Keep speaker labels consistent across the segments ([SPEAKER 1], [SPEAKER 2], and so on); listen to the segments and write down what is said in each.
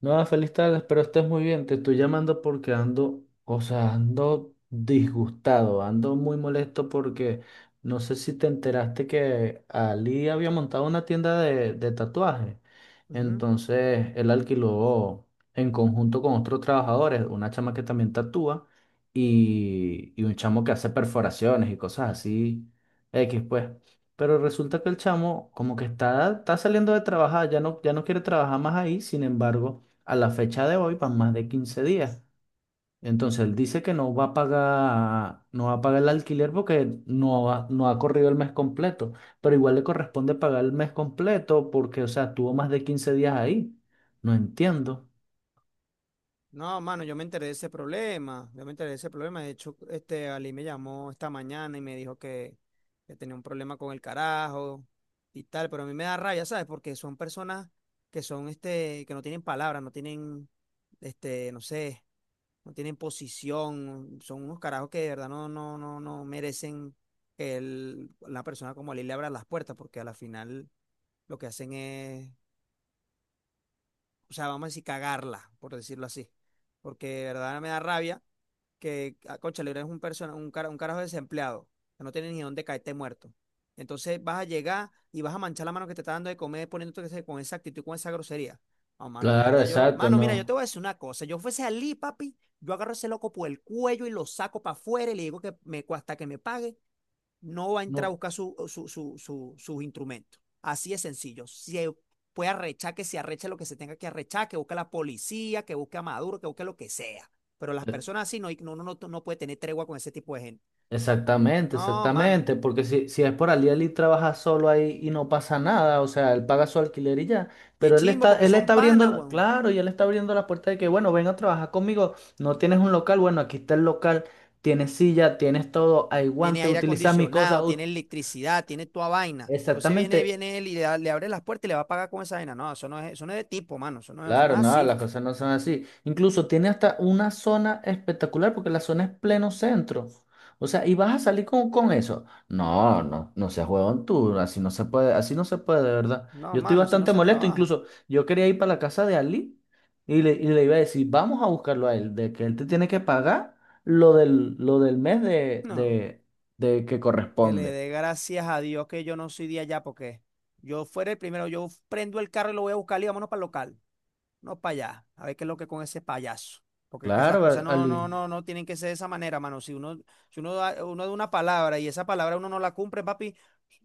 [SPEAKER 1] No, feliz tarde, espero estés muy bien. Te estoy llamando porque ando, o sea, ando disgustado, ando muy molesto porque no sé si te enteraste que Ali había montado una tienda de tatuajes.
[SPEAKER 2] Ujú.
[SPEAKER 1] Entonces, él alquiló en conjunto con otros trabajadores, una chama que también tatúa y un chamo que hace perforaciones y cosas así, X pues. Pero resulta que el chamo como que está saliendo de trabajar, ya no quiere trabajar más ahí, sin embargo a la fecha de hoy van más de 15 días. Entonces él dice que no va a pagar, no va a pagar el alquiler porque no ha corrido el mes completo, pero igual le corresponde pagar el mes completo porque, o sea, tuvo más de 15 días ahí. No entiendo.
[SPEAKER 2] No, mano, yo me enteré de ese problema. Yo me enteré de ese problema. De hecho, este Ali me llamó esta mañana y me dijo que tenía un problema con el carajo y tal. Pero a mí me da rabia, ¿sabes? Porque son personas que son este, que no tienen palabras, no tienen, este, no sé, no tienen posición. Son unos carajos que de verdad no, no, no, no merecen que la persona como Ali le abra las puertas, porque a la final lo que hacen es, o sea, vamos a decir, cagarla, por decirlo así. Porque de verdad me da rabia que, ah, cónchale, eres un carajo desempleado, que no tienes ni dónde caerte muerto. Entonces vas a llegar y vas a manchar la mano que te está dando de comer poniéndote con esa actitud, con esa grosería. No, mano, de
[SPEAKER 1] Claro,
[SPEAKER 2] verdad, yo,
[SPEAKER 1] exacto,
[SPEAKER 2] mano, mira, yo te
[SPEAKER 1] no,
[SPEAKER 2] voy a decir una cosa. Yo fuese Ali, papi, yo agarro a ese loco por el cuello y lo saco para afuera y le digo que hasta que me pague, no va a entrar a
[SPEAKER 1] no.
[SPEAKER 2] buscar sus instrumentos. Así es sencillo. Si puede arrechar, que se arreche lo que se tenga que arrechar, que busque a la policía, que busque a Maduro, que busque lo que sea. Pero las personas así no, no, no, no puede tener tregua con ese tipo de gente.
[SPEAKER 1] Exactamente,
[SPEAKER 2] No, mano.
[SPEAKER 1] exactamente, porque si es por Aliel y trabaja solo ahí y no pasa nada, o sea, él paga su alquiler y ya,
[SPEAKER 2] Y es
[SPEAKER 1] pero
[SPEAKER 2] chimbo porque
[SPEAKER 1] él
[SPEAKER 2] son
[SPEAKER 1] está abriendo,
[SPEAKER 2] panas, weón.
[SPEAKER 1] claro, y él está abriendo la puerta de que, bueno, ven a trabajar conmigo, no tienes un local, bueno, aquí está el local, tienes silla, tienes todo, hay
[SPEAKER 2] Tiene
[SPEAKER 1] guantes,
[SPEAKER 2] aire
[SPEAKER 1] utilizas mi cosa,
[SPEAKER 2] acondicionado, tiene electricidad, tiene toda vaina. Entonces viene,
[SPEAKER 1] exactamente.
[SPEAKER 2] viene él y le abre las puertas y le va a pagar con esa vaina. No, eso no es de tipo, mano. Eso no
[SPEAKER 1] Claro,
[SPEAKER 2] es
[SPEAKER 1] no,
[SPEAKER 2] así.
[SPEAKER 1] las cosas no son así. Incluso tiene hasta una zona espectacular porque la zona es pleno centro. O sea, y vas a salir con eso. No, no, no seas huevón tú, así no se puede, así no se puede, de verdad.
[SPEAKER 2] No,
[SPEAKER 1] Yo estoy
[SPEAKER 2] mano, así no
[SPEAKER 1] bastante
[SPEAKER 2] se
[SPEAKER 1] molesto,
[SPEAKER 2] trabaja.
[SPEAKER 1] incluso yo quería ir para la casa de Ali y le iba a decir, vamos a buscarlo a él, de que él te tiene que pagar lo lo del mes
[SPEAKER 2] No.
[SPEAKER 1] de que
[SPEAKER 2] Que le
[SPEAKER 1] corresponde.
[SPEAKER 2] dé gracias a Dios que yo no soy de allá, porque yo fuera el primero, yo prendo el carro y lo voy a buscar y vámonos para el local, no para allá, a ver qué es lo que con ese payaso. Porque es que las cosas
[SPEAKER 1] Claro,
[SPEAKER 2] no, no,
[SPEAKER 1] Ali.
[SPEAKER 2] no, no tienen que ser de esa manera, mano. Si uno da una palabra y esa palabra uno no la cumple, papi,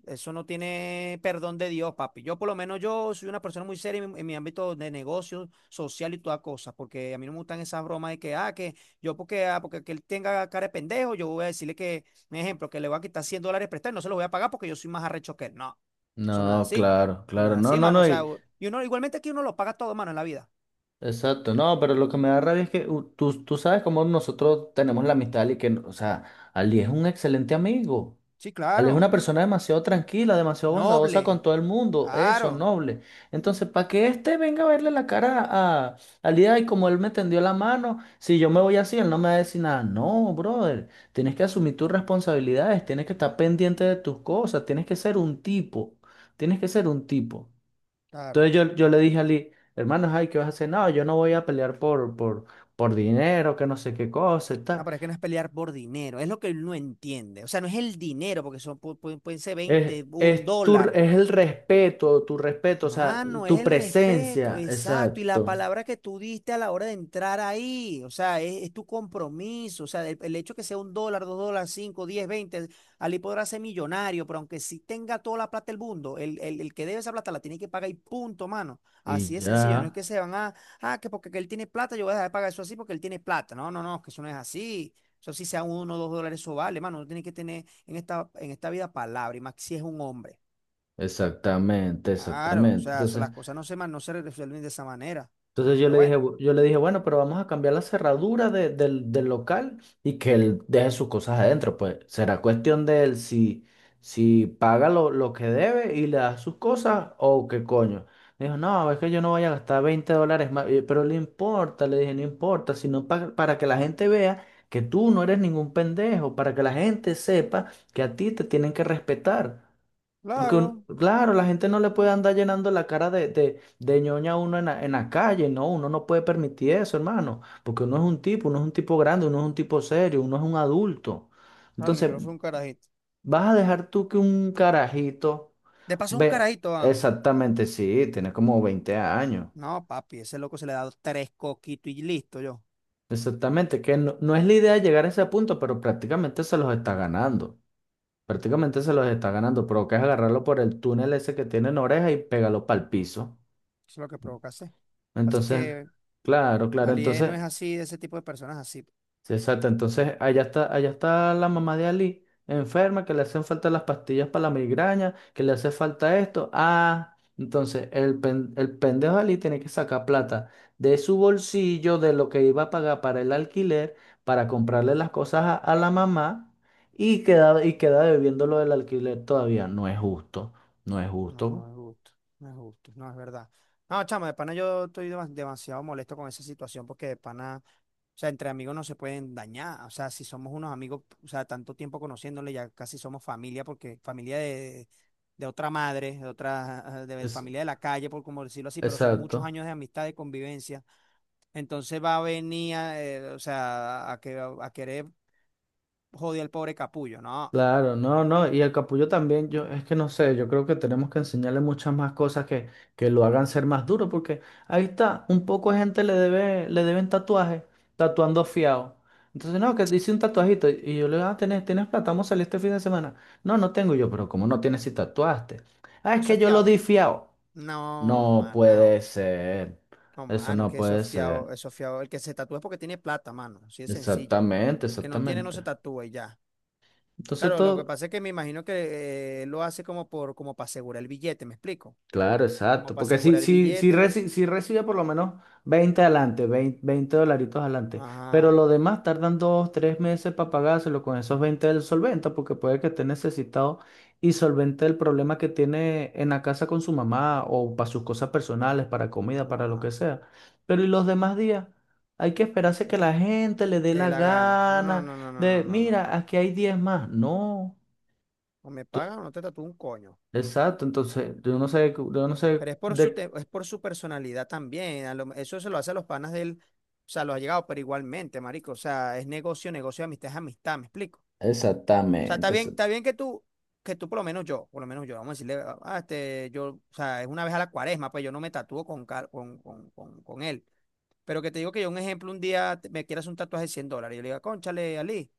[SPEAKER 2] eso no tiene perdón de Dios, papi. Yo por lo menos yo soy una persona muy seria en mi ámbito de negocio, social y toda cosa, porque a mí no me gustan esas bromas de que, ah, que yo porque, ah, porque que él tenga cara de pendejo, yo voy a decirle que, un ejemplo, que le voy a quitar $100 prestados y no se los voy a pagar porque yo soy más arrecho que él. No, eso no es
[SPEAKER 1] No,
[SPEAKER 2] así.
[SPEAKER 1] claro,
[SPEAKER 2] Eso no
[SPEAKER 1] claro,
[SPEAKER 2] es
[SPEAKER 1] no,
[SPEAKER 2] así,
[SPEAKER 1] no,
[SPEAKER 2] mano.
[SPEAKER 1] no.
[SPEAKER 2] O sea, y uno, igualmente aquí uno lo paga todo, mano, en la vida.
[SPEAKER 1] Exacto, no, pero lo que me da rabia es que tú, tú sabes cómo nosotros tenemos la amistad y que, o sea, Ali es un excelente amigo.
[SPEAKER 2] Sí,
[SPEAKER 1] Ali es una
[SPEAKER 2] claro.
[SPEAKER 1] persona demasiado tranquila, demasiado bondadosa
[SPEAKER 2] Noble.
[SPEAKER 1] con todo el mundo, eso,
[SPEAKER 2] Claro.
[SPEAKER 1] noble. Entonces, para que este venga a verle la cara a Ali, y como él me tendió la mano, si yo me voy así, él no me va a decir nada. No, brother, tienes que asumir tus responsabilidades, tienes que estar pendiente de tus cosas, tienes que ser un tipo, tienes que ser un tipo.
[SPEAKER 2] Claro.
[SPEAKER 1] Entonces yo le dije a Lee, hermanos, ay, ¿qué vas a hacer? No, yo no voy a pelear por dinero, que no sé qué cosa y
[SPEAKER 2] No,
[SPEAKER 1] tal.
[SPEAKER 2] pero es que no es pelear por dinero, es lo que él no entiende. O sea, no es el dinero, porque pueden ser 20, un dólar.
[SPEAKER 1] Es el respeto, tu respeto, o sea,
[SPEAKER 2] Mano, es
[SPEAKER 1] tu
[SPEAKER 2] el respeto,
[SPEAKER 1] presencia,
[SPEAKER 2] exacto, y la
[SPEAKER 1] exacto.
[SPEAKER 2] palabra que tú diste a la hora de entrar ahí, o sea, es tu compromiso, o sea, el hecho que sea $1, $2, cinco, diez, veinte, Ali podrá ser millonario, pero aunque sí tenga toda la plata del mundo, el que debe esa plata la tiene que pagar y punto, mano,
[SPEAKER 1] Y
[SPEAKER 2] así es sencillo, no es
[SPEAKER 1] ya,
[SPEAKER 2] que se van a, ah, que porque que él tiene plata, yo voy a dejar de pagar eso así porque él tiene plata, no, no, no, que eso no es así, eso sí sea uno o dos dólares, eso vale, mano, uno tiene que tener en esta vida palabra, y más si es un hombre.
[SPEAKER 1] exactamente,
[SPEAKER 2] Claro, o
[SPEAKER 1] exactamente.
[SPEAKER 2] sea,
[SPEAKER 1] Entonces,
[SPEAKER 2] las cosas no se resuelven de esa manera.
[SPEAKER 1] entonces yo
[SPEAKER 2] Pero
[SPEAKER 1] le dije,
[SPEAKER 2] bueno,
[SPEAKER 1] "Bu-" yo le dije, bueno, pero vamos a cambiar la cerradura del, del local y que él deje sus cosas adentro. Pues será cuestión de él si, si paga lo que debe y le da sus cosas o qué coño. Me dijo, no, es que yo no voy a gastar 20 dólares más. Y yo, pero le importa, le dije, no importa, sino para que la gente vea que tú no eres ningún pendejo, para que la gente sepa que a ti te tienen que respetar. Porque,
[SPEAKER 2] claro,
[SPEAKER 1] claro, la gente no le puede andar llenando la cara de ñoña a uno en la calle, no, uno no puede permitir eso, hermano, porque uno es un tipo, uno es un tipo grande, uno es un tipo serio, uno es un adulto.
[SPEAKER 2] claro,
[SPEAKER 1] Entonces,
[SPEAKER 2] Nicolás fue un carajito.
[SPEAKER 1] ¿vas a dejar tú que un carajito
[SPEAKER 2] De paso, un
[SPEAKER 1] ve?
[SPEAKER 2] carajito, ah.
[SPEAKER 1] Exactamente, sí, tiene como 20 años.
[SPEAKER 2] No, papi, ese loco se le ha dado tres coquitos y listo, yo.
[SPEAKER 1] Exactamente, que no, no es la idea llegar a ese punto, pero prácticamente se los está ganando. Prácticamente se los está ganando, pero que es agarrarlo por el túnel ese que tiene en oreja y pégalo para el piso.
[SPEAKER 2] Eso es lo que provoca hacer. Así
[SPEAKER 1] Entonces,
[SPEAKER 2] que
[SPEAKER 1] claro, claro,
[SPEAKER 2] Alié no
[SPEAKER 1] entonces,
[SPEAKER 2] es así, de ese tipo de personas así.
[SPEAKER 1] sí, exacto, entonces allá está la mamá de Ali, enferma, que le hacen falta las pastillas para la migraña, que le hace falta esto. Ah, entonces el, el pendejo de Ali tiene que sacar plata de su bolsillo, de lo que iba a pagar para el alquiler, para comprarle las cosas a la mamá y queda debiendo lo del alquiler todavía. No es justo, no es
[SPEAKER 2] No, no
[SPEAKER 1] justo.
[SPEAKER 2] es justo, no es justo, no es verdad. No, chama, de pana yo estoy demasiado molesto con esa situación porque de pana. O sea, entre amigos no se pueden dañar. O sea, si somos unos amigos, o sea, tanto tiempo conociéndole, ya casi somos familia, porque familia de otra madre, de
[SPEAKER 1] Es,
[SPEAKER 2] familia de la calle, por como decirlo así, pero son muchos
[SPEAKER 1] exacto.
[SPEAKER 2] años de amistad, de convivencia. Entonces va a venir, o sea, a querer joder al pobre capullo. No,
[SPEAKER 1] Claro, no, no, y el capullo también, yo es que no sé, yo creo que tenemos que enseñarle muchas más cosas que lo hagan ser más duro, porque ahí está, un poco de gente le debe, le deben tatuajes, tatuando fiado. Entonces, no, que dice un tatuajito, y yo le digo, ah, ¿tienes, tienes plata? Vamos a salir este fin de semana. No, no tengo. Y yo, pero ¿cómo no tienes si tatuaste? Ah, es
[SPEAKER 2] eso
[SPEAKER 1] que
[SPEAKER 2] es
[SPEAKER 1] yo lo
[SPEAKER 2] fiado.
[SPEAKER 1] di fiado.
[SPEAKER 2] No,
[SPEAKER 1] No
[SPEAKER 2] mano.
[SPEAKER 1] puede ser,
[SPEAKER 2] No,
[SPEAKER 1] eso
[SPEAKER 2] mano, es
[SPEAKER 1] no
[SPEAKER 2] que eso es
[SPEAKER 1] puede ser.
[SPEAKER 2] fiado, eso es fiado. El que se tatúa es porque tiene plata, mano. Así de sencillo.
[SPEAKER 1] Exactamente,
[SPEAKER 2] Que no tiene, no
[SPEAKER 1] exactamente.
[SPEAKER 2] se tatúa y ya.
[SPEAKER 1] Entonces
[SPEAKER 2] Claro, lo que
[SPEAKER 1] todo,
[SPEAKER 2] pasa es que me imagino que lo hace como para asegurar el billete, ¿me explico?
[SPEAKER 1] claro,
[SPEAKER 2] Como
[SPEAKER 1] exacto.
[SPEAKER 2] para
[SPEAKER 1] Porque
[SPEAKER 2] asegurar el billete.
[SPEAKER 1] si recibe por lo menos 20 adelante, 20 dolaritos adelante, pero
[SPEAKER 2] Ajá,
[SPEAKER 1] lo demás tardan dos, tres meses para pagárselo con esos 20 del solvente, porque puede que esté necesitado y solvente el problema que tiene en la casa con su mamá o para sus cosas personales, para comida, para lo que
[SPEAKER 2] ajá,
[SPEAKER 1] sea. Pero ¿y los demás días? Hay que
[SPEAKER 2] no,
[SPEAKER 1] esperarse que la
[SPEAKER 2] claro.
[SPEAKER 1] gente le dé
[SPEAKER 2] Le dé
[SPEAKER 1] la
[SPEAKER 2] la gana. No, no,
[SPEAKER 1] gana
[SPEAKER 2] no, no, no, no,
[SPEAKER 1] de,
[SPEAKER 2] no, no.
[SPEAKER 1] mira, aquí hay 10 más. No.
[SPEAKER 2] O me
[SPEAKER 1] Entonces,
[SPEAKER 2] pagan o no te tatúo un coño.
[SPEAKER 1] exacto, entonces yo no sé
[SPEAKER 2] Pero es por su
[SPEAKER 1] de,
[SPEAKER 2] te- es por su personalidad también. Eso se lo hace a los panas de él. O sea, lo ha llegado, pero igualmente, marico. O sea, es negocio, negocio, amistad es amistad, ¿me explico? O sea,
[SPEAKER 1] exactamente. Eso-
[SPEAKER 2] está bien que tú por lo menos yo, por lo menos yo, vamos a decirle, ah, ah, este, yo, o sea, es una vez a la cuaresma, pues yo no me tatúo con, car- con él. Pero que te digo que yo, un ejemplo, un día me quieras un tatuaje de $100. Yo le digo, cónchale, Ali,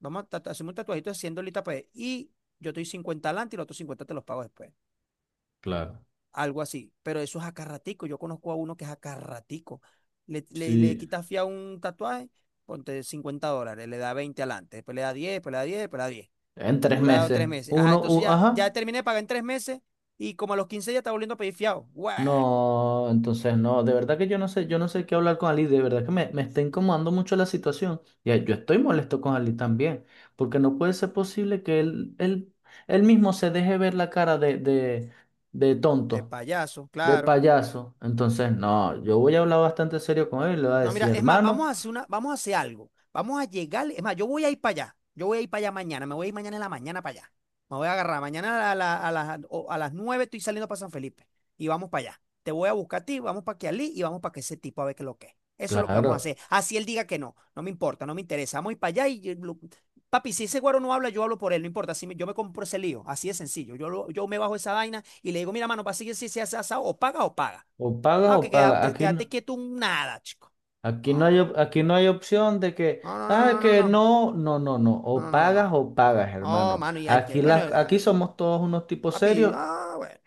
[SPEAKER 2] hacemos un tatuajito de 100 dolitas, pues, y yo estoy 50 adelante y los otros 50 te los pago después.
[SPEAKER 1] claro.
[SPEAKER 2] Algo así. Pero eso es acarratico. Yo conozco a uno que es acarratico. Le
[SPEAKER 1] Sí,
[SPEAKER 2] quitas fía un tatuaje, ponte $50, le da 20 adelante, después le da 10 después le da 10 después le da 10.
[SPEAKER 1] en
[SPEAKER 2] Y
[SPEAKER 1] tres
[SPEAKER 2] duraba
[SPEAKER 1] meses.
[SPEAKER 2] 3 meses. Ajá,
[SPEAKER 1] Uno,
[SPEAKER 2] entonces ya
[SPEAKER 1] ajá.
[SPEAKER 2] terminé de pagar en 3 meses y como a los 15 ya estaba volviendo a pedir fiado. ¡Guau!
[SPEAKER 1] No, entonces no, de verdad que yo no sé qué hablar con Ali, de verdad que me está incomodando mucho la situación. Y yo estoy molesto con Ali también, porque no puede ser posible que él, él mismo se deje ver la cara de
[SPEAKER 2] De
[SPEAKER 1] tonto,
[SPEAKER 2] payaso,
[SPEAKER 1] de
[SPEAKER 2] claro.
[SPEAKER 1] payaso. Entonces, no, yo voy a hablar bastante serio con él, le voy a
[SPEAKER 2] No, mira,
[SPEAKER 1] decir,
[SPEAKER 2] es más,
[SPEAKER 1] hermano,
[SPEAKER 2] vamos a hacer algo. Vamos a llegar, es más, yo voy a ir para allá. Yo voy a ir para allá mañana, me voy a ir mañana en la mañana para allá. Me voy a agarrar mañana a, la- a las, o- a las 9 estoy saliendo para San Felipe y vamos para allá. Te voy a buscar a ti, vamos para que Kialí y vamos para que ese tipo a ver qué es lo que es. Eso es lo que vamos a
[SPEAKER 1] claro,
[SPEAKER 2] hacer. Así él diga que no, no me importa, no me interesa. Vamos a ir para allá y papi, si ese güero no habla, yo hablo por él, no importa. Si me- Yo me compro ese lío, así de sencillo. Yo me bajo esa vaina y le digo, mira, mano, para seguir si se hace asado, o paga o paga.
[SPEAKER 1] o pagas
[SPEAKER 2] Ah,
[SPEAKER 1] o
[SPEAKER 2] que queda-
[SPEAKER 1] pagas.
[SPEAKER 2] te-
[SPEAKER 1] Aquí no.
[SPEAKER 2] quédate quieto un nada, chico.
[SPEAKER 1] Aquí no hay,
[SPEAKER 2] No,
[SPEAKER 1] aquí no hay opción de que,
[SPEAKER 2] no, no,
[SPEAKER 1] ah,
[SPEAKER 2] no, no,
[SPEAKER 1] que
[SPEAKER 2] no,
[SPEAKER 1] no,
[SPEAKER 2] no, no, no, no, no, no.
[SPEAKER 1] o pagas,
[SPEAKER 2] No,
[SPEAKER 1] hermano.
[SPEAKER 2] mano, y al
[SPEAKER 1] Aquí,
[SPEAKER 2] que, bueno,
[SPEAKER 1] las, aquí somos todos unos tipos
[SPEAKER 2] papi,
[SPEAKER 1] serios.
[SPEAKER 2] ah, bueno.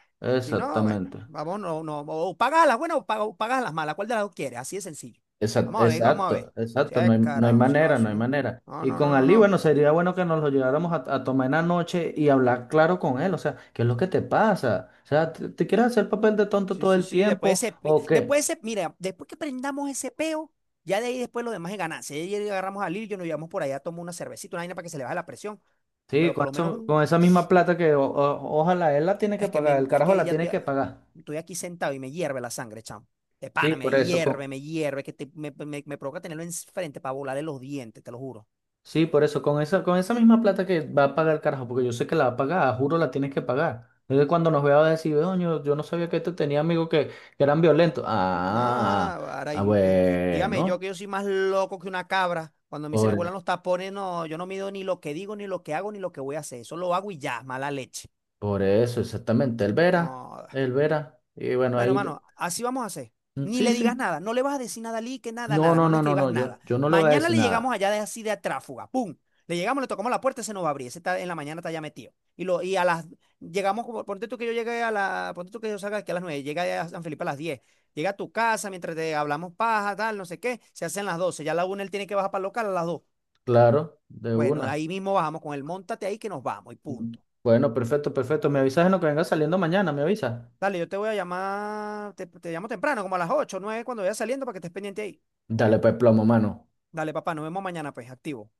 [SPEAKER 2] Si no, bueno,
[SPEAKER 1] Exactamente.
[SPEAKER 2] vamos, no, no, o pagas a las buenas o pagas, a las malas, ¿cuál de las dos quieres? Así de sencillo. Vamos a ver, vamos a ver.
[SPEAKER 1] Exacto,
[SPEAKER 2] Si
[SPEAKER 1] exacto, no
[SPEAKER 2] es
[SPEAKER 1] hay, no hay
[SPEAKER 2] carajo, si no,
[SPEAKER 1] manera, no
[SPEAKER 2] así
[SPEAKER 1] hay
[SPEAKER 2] no.
[SPEAKER 1] manera.
[SPEAKER 2] No,
[SPEAKER 1] Y
[SPEAKER 2] no, no,
[SPEAKER 1] con
[SPEAKER 2] no,
[SPEAKER 1] Ali,
[SPEAKER 2] no.
[SPEAKER 1] bueno, sería bueno que nos lo lleváramos a tomar en la noche y hablar claro con él, o sea, ¿qué es lo que te pasa? O sea, ¿te, te quieres hacer papel de tonto
[SPEAKER 2] Sí,
[SPEAKER 1] todo
[SPEAKER 2] sí,
[SPEAKER 1] el
[SPEAKER 2] sí, después
[SPEAKER 1] tiempo
[SPEAKER 2] ese, pi-
[SPEAKER 1] o qué?
[SPEAKER 2] después ese, mira, después que prendamos ese peo, ya de ahí después lo demás es ganancia. Y ayer agarramos a Lil, yo nos llevamos por allá, tomamos una cervecita, una vaina para que se le baje la presión,
[SPEAKER 1] Sí,
[SPEAKER 2] pero por
[SPEAKER 1] con
[SPEAKER 2] lo menos un
[SPEAKER 1] con esa misma plata que ojalá él la tiene que
[SPEAKER 2] Es que,
[SPEAKER 1] pagar,
[SPEAKER 2] me,
[SPEAKER 1] el
[SPEAKER 2] es
[SPEAKER 1] carajo
[SPEAKER 2] que
[SPEAKER 1] la
[SPEAKER 2] ya
[SPEAKER 1] tiene
[SPEAKER 2] estoy,
[SPEAKER 1] que
[SPEAKER 2] ah,
[SPEAKER 1] pagar.
[SPEAKER 2] estoy aquí sentado y me hierve la sangre, chamo. De
[SPEAKER 1] Sí,
[SPEAKER 2] pana,
[SPEAKER 1] por eso, con,
[SPEAKER 2] me hierve, que te- me- me provoca tenerlo enfrente para volarle los dientes, te lo juro.
[SPEAKER 1] sí, por eso, con esa misma plata que va a pagar el carajo, porque yo sé que la va a pagar, juro la tienes que pagar. Entonces cuando nos vea va a decir, "Oño, yo no sabía que este tenía amigos que eran violentos. Ah,
[SPEAKER 2] Ah,
[SPEAKER 1] ah,
[SPEAKER 2] ahora,
[SPEAKER 1] ah,
[SPEAKER 2] y dígame yo
[SPEAKER 1] bueno,
[SPEAKER 2] que yo soy más loco que una cabra. Cuando a mí se me
[SPEAKER 1] por,
[SPEAKER 2] vuelan los tapones, no, yo no mido ni lo que digo, ni lo que hago, ni lo que voy a hacer. Eso lo hago y ya, mala leche.
[SPEAKER 1] por eso, exactamente. Él verá,
[SPEAKER 2] No.
[SPEAKER 1] él verá. Y bueno,
[SPEAKER 2] Bueno,
[SPEAKER 1] ahí, ve-
[SPEAKER 2] mano, así vamos a hacer.
[SPEAKER 1] mm,
[SPEAKER 2] Ni
[SPEAKER 1] sí,
[SPEAKER 2] le digas
[SPEAKER 1] sí.
[SPEAKER 2] nada, no le vas a decir nada a Lee, que nada,
[SPEAKER 1] No,
[SPEAKER 2] nada,
[SPEAKER 1] no,
[SPEAKER 2] no le
[SPEAKER 1] no, no,
[SPEAKER 2] escribas
[SPEAKER 1] no, yo,
[SPEAKER 2] nada.
[SPEAKER 1] yo no le voy a
[SPEAKER 2] Mañana
[SPEAKER 1] decir
[SPEAKER 2] le llegamos
[SPEAKER 1] nada.
[SPEAKER 2] allá de así de Tráfuga, ¡pum! Le llegamos, le tocamos la puerta, se nos va a abrir, ese está en la mañana está ya metido. Y, lo, y a las, llegamos, Ponte tú que yo salga aquí a las 9, llega a San Felipe a las 10. Llega a tu casa mientras te hablamos paja, tal, no sé qué, se hacen las 12. Ya a la 1 él tiene que bajar para el local a las 2.
[SPEAKER 1] Claro, de
[SPEAKER 2] Bueno,
[SPEAKER 1] una.
[SPEAKER 2] ahí mismo bajamos con él, montate ahí que nos vamos y punto.
[SPEAKER 1] Bueno, perfecto, perfecto. Me avisas en lo que venga saliendo mañana, me avisas.
[SPEAKER 2] Dale, yo te voy a llamar, te llamo temprano, como a las 8, 9 cuando vaya saliendo para que estés pendiente ahí.
[SPEAKER 1] Dale pues plomo, mano.
[SPEAKER 2] Dale, papá, nos vemos mañana, pues, activo.